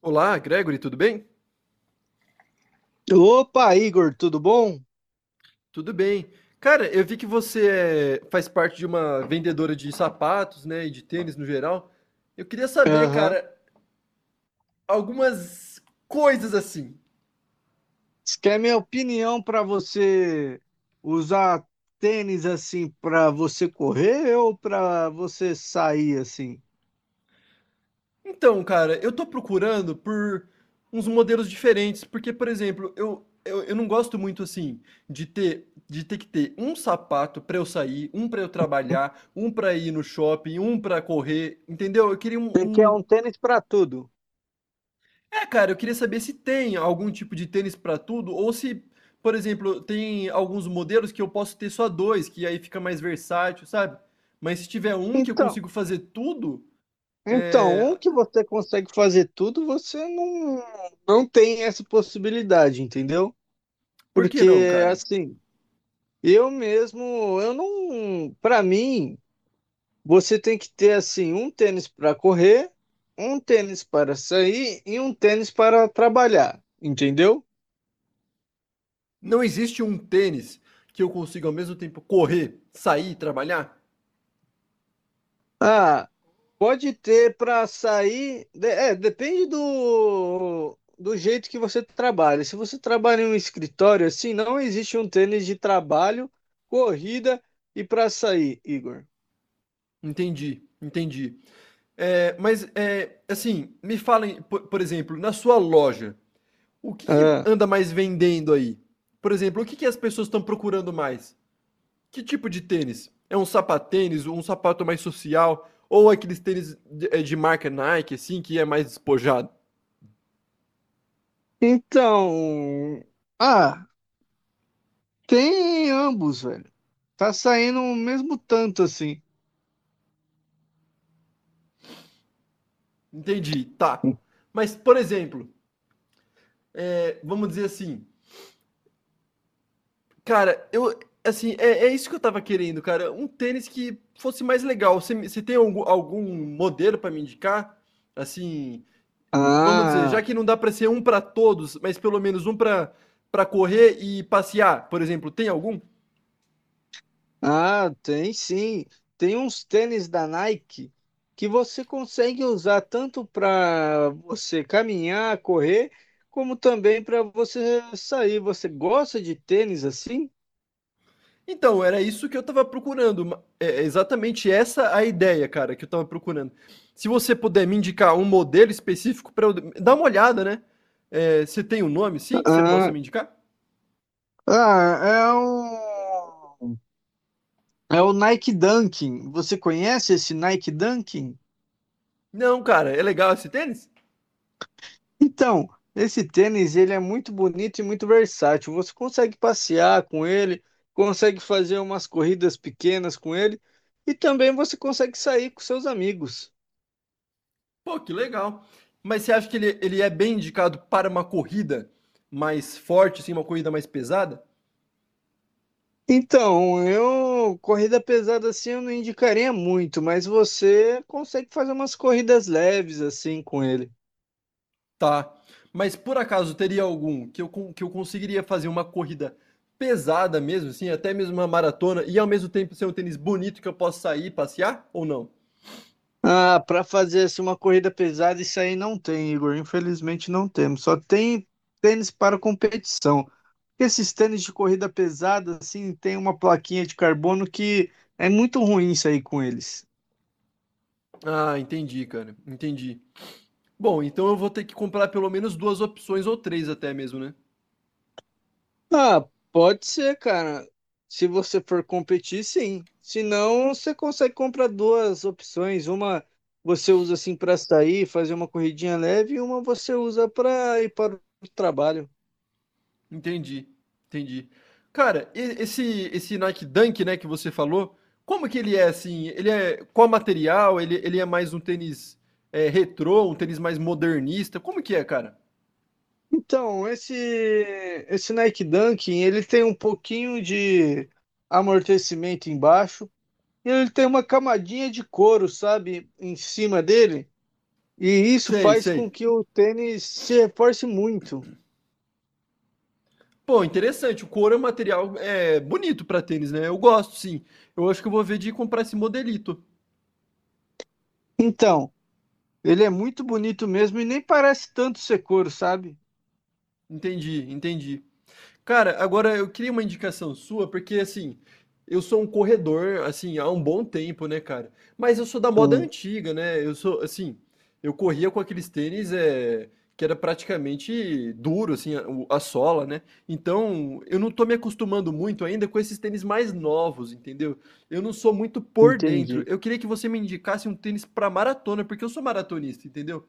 Olá, Gregory, tudo bem? Opa, Igor, tudo bom? Tudo bem. Cara, eu vi que você faz parte de uma vendedora de sapatos, né, e de tênis no geral. Eu queria saber, Aham. cara, algumas coisas assim. Isso que é minha opinião para você usar tênis assim para você correr ou para você sair assim? Então, cara, eu tô procurando por uns modelos diferentes, porque, por exemplo, eu não gosto muito assim de ter que ter um sapato pra eu sair, um pra eu trabalhar, um pra ir no shopping, um pra correr, entendeu? Eu queria um, Você quer um um tênis para tudo? É, cara, eu queria saber se tem algum tipo de tênis para tudo ou se, por exemplo, tem alguns modelos que eu posso ter só dois, que aí fica mais versátil, sabe? Mas se tiver um que eu Então, consigo fazer tudo, então, é... um que você consegue fazer tudo, você não tem essa possibilidade, entendeu? por que não, Porque cara? assim, eu mesmo, eu não, para mim, você tem que ter assim um tênis para correr, um tênis para sair e um tênis para trabalhar, entendeu? Não existe um tênis que eu consiga ao mesmo tempo correr, sair, trabalhar? Ah, pode ter para sair, é, depende do jeito que você trabalha. Se você trabalha em um escritório assim, não existe um tênis de trabalho, corrida e para sair, Igor. Entendi, entendi. É, mas, assim, me falem, por exemplo, na sua loja, o que que Ah, anda mais vendendo aí? Por exemplo, o que que as pessoas estão procurando mais? Que tipo de tênis? É um sapatênis, um sapato mais social, ou aqueles tênis de, de marca Nike, assim, que é mais despojado? então, ah, tem ambos, velho. Tá saindo o mesmo tanto assim. Entendi, tá. Mas, por exemplo, é, vamos dizer assim, cara, eu. Assim, é, é isso que eu tava querendo, cara. Um tênis que fosse mais legal. Você tem algum modelo para me indicar? Assim, vamos dizer, já Ah, que não dá para ser um para todos, mas pelo menos um para correr e passear, por exemplo, tem algum? Ah, tem sim. Tem uns tênis da Nike que você consegue usar tanto para você caminhar, correr, como também para você sair. Você gosta de tênis assim? Então, era isso que eu tava procurando. É exatamente essa a ideia, cara, que eu tava procurando. Se você puder me indicar um modelo específico para eu dar uma olhada, né? É, você tem um nome, sim, que você possa Ah, me indicar? ah, é o Nike Dunking. Você conhece esse Nike Dunking? Não, cara, é legal esse tênis? Então, esse tênis ele é muito bonito e muito versátil. Você consegue passear com ele, consegue fazer umas corridas pequenas com ele e também você consegue sair com seus amigos. Pô, que legal. Mas você acha que ele é bem indicado para uma corrida mais forte, assim, uma corrida mais pesada? Então, eu corrida pesada assim eu não indicaria muito, mas você consegue fazer umas corridas leves assim com ele. Tá. Mas por acaso teria algum que eu conseguiria fazer uma corrida pesada mesmo, assim, até mesmo uma maratona, e ao mesmo tempo ser um tênis bonito que eu possa sair, e passear ou não? Ah, para fazer assim uma corrida pesada isso aí não tem, Igor. Infelizmente não temos. Só tem tênis para competição. Esses tênis de corrida pesada, assim, tem uma plaquinha de carbono que é muito ruim sair com eles. Ah, entendi, cara. Entendi. Bom, então eu vou ter que comprar pelo menos duas opções ou três até mesmo, né? Ah, pode ser, cara. Se você for competir, sim. Se não, você consegue comprar duas opções. Uma você usa assim para sair, fazer uma corridinha leve, e uma você usa para ir para o trabalho. Entendi. Entendi. Cara, esse Nike Dunk, né, que você falou, como que ele é assim? Ele é qual material? Ele é mais um tênis retrô, um tênis mais modernista? Como que é, cara? Então, esse Nike Dunk, ele tem um pouquinho de amortecimento embaixo, e ele tem uma camadinha de couro, sabe, em cima dele, e isso Sei, faz com sei. que o tênis se reforce muito. Pô, interessante. O couro é um material bonito para tênis, né? Eu gosto, sim. Eu acho que eu vou ver de comprar esse modelito. Então, ele é muito bonito mesmo e nem parece tanto ser couro, sabe? Entendi, entendi. Cara, agora eu queria uma indicação sua, porque assim, eu sou um corredor, assim, há um bom tempo, né, cara? Mas eu sou da moda Hum, antiga, né? Eu sou, assim, eu corria com aqueles tênis que era praticamente duro, assim, a sola, né? Então, eu não tô me acostumando muito ainda com esses tênis mais novos, entendeu? Eu não sou muito por dentro. Entendi. Eu queria que você me indicasse um tênis pra maratona, porque eu sou maratonista, entendeu?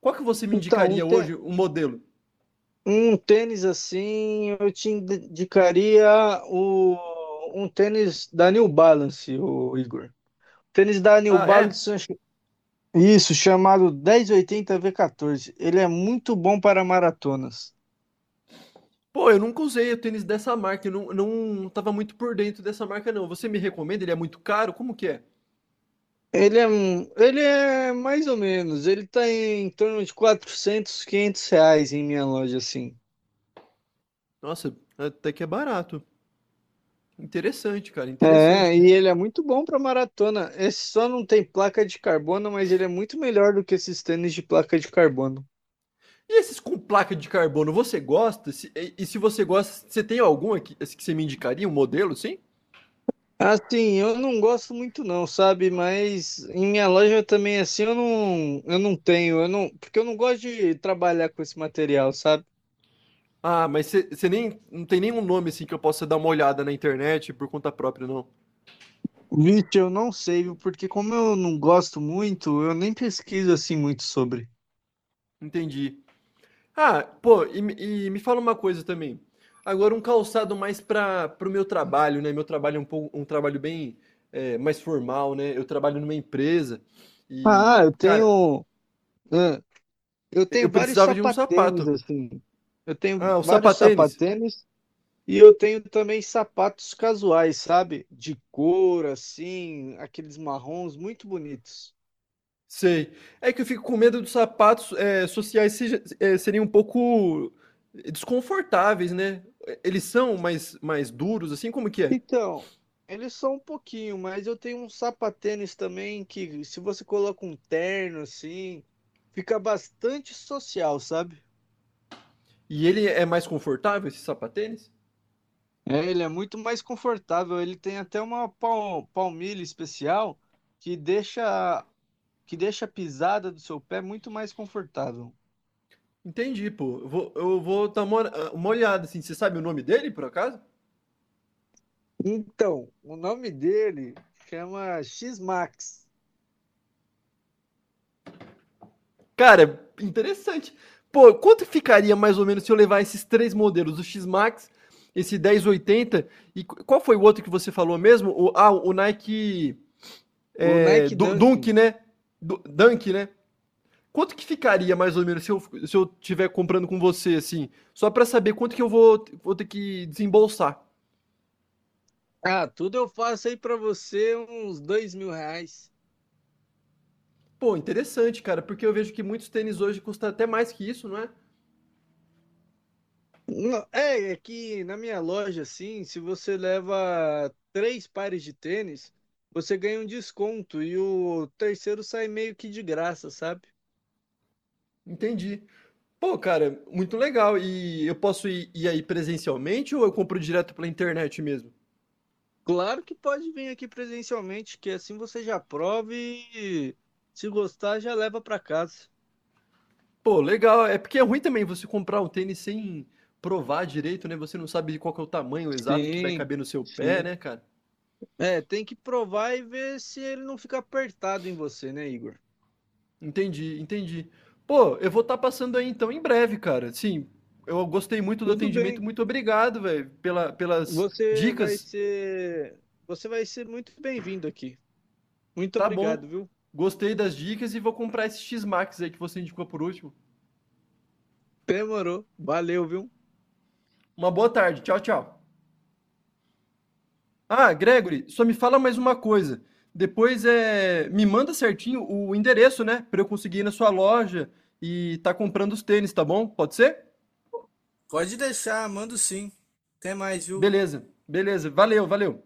Qual que você me Então, indicaria hoje, um modelo? um tênis assim, eu te indicaria um tênis da New Balance, o Igor. Tênis da New Ah, é? Balance, isso, chamado dez oitenta v 14. Ele é muito bom para maratonas. Pô, eu nunca usei o tênis dessa marca, eu não não tava muito por dentro dessa marca não. Você me recomenda? Ele é muito caro? Como que é? Ele é mais ou menos, ele tá em torno de 400, 500 reais em minha loja, assim. Nossa, até que é barato. Interessante, cara, interessante. É, e ele é muito bom para maratona. Esse só não tem placa de carbono, mas ele é muito melhor do que esses tênis de placa de carbono. E esses com placa de carbono, você gosta? Se e e se você gosta, você tem algum aqui assim, que você me indicaria, um modelo, sim? Assim, eu não gosto muito não, sabe? Mas em minha loja também, assim, eu não tenho, eu não, porque eu não gosto de trabalhar com esse material, sabe? Ah, mas você nem não tem nenhum nome, assim, que eu possa dar uma olhada na internet por conta própria, não? Vixe, eu não sei, viu? Porque como eu não gosto muito, eu nem pesquiso assim muito sobre. Entendi. Ah, pô, e me fala uma coisa também. Agora um calçado mais para o meu trabalho, né? Meu trabalho é um pouco um trabalho bem mais formal, né? Eu trabalho numa empresa e, Ah, cara, ah, eu eu tenho vários precisava de um sapatênis sapato. assim. Eu tenho Ah, o vários sapatênis? sapatênis e eu tenho também sapatos casuais, sabe? De couro assim, aqueles marrons muito bonitos. Sei. É que eu fico com medo dos sapatos sociais seja, serem um pouco desconfortáveis, né? Eles são mais, mais duros, assim, como que é? Então, eles são um pouquinho, mas eu tenho um sapatênis também que se você coloca um terno assim, fica bastante social, sabe? E ele é mais confortável, esse sapatênis? É, ele é muito mais confortável. Ele tem até uma palmilha especial que deixa que deixa a pisada do seu pé muito mais confortável. Entendi, pô. Eu vou dar uma olhada, assim. Você sabe o nome dele, por acaso? Então, o nome dele chama X-Max, Cara, interessante. Pô, quanto ficaria mais ou menos se eu levar esses três modelos, o X-Max, esse 1080 e qual foi o outro que você falou mesmo? O Nike o Nike Dunk, Dunkin. né? Dunk, né? Quanto que ficaria mais ou menos se eu tiver comprando com você, assim? Só pra saber quanto que eu vou ter que desembolsar. Ah, tudo eu faço aí pra você uns R$ 2.000. Pô, interessante, cara, porque eu vejo que muitos tênis hoje custam até mais que isso, não é? Não, é que na minha loja, assim, se você leva três pares de tênis, você ganha um desconto e o terceiro sai meio que de graça, sabe? Entendi. Pô, cara, muito legal. E eu posso ir aí presencialmente ou eu compro direto pela internet mesmo? Claro que pode vir aqui presencialmente, que assim você já prova e se gostar já leva pra casa. Pô, legal. É porque é ruim também você comprar um tênis sem provar direito, né? Você não sabe qual que é o tamanho exato que vai Sim, caber no seu pé, sim. né, cara? É, tem que provar e ver se ele não fica apertado em você, né, Igor? Entendi, entendi. Pô, eu vou estar passando aí então em breve, cara. Sim, eu gostei muito do Tudo atendimento. bem. Muito obrigado, velho, pelas Você vai dicas. ser, você vai ser muito bem-vindo aqui. Muito Tá obrigado, bom. viu? Gostei das dicas e vou comprar esse X-Max aí que você indicou por último. Demorou. Valeu, viu? Uma boa tarde. Tchau, tchau. Ah, Gregory, só me fala mais uma coisa. Depois me manda certinho o endereço, né, para eu conseguir ir na sua loja e tá comprando os tênis, tá bom? Pode ser? Pode deixar, mando sim. Até mais, viu? Beleza, beleza. Valeu, valeu.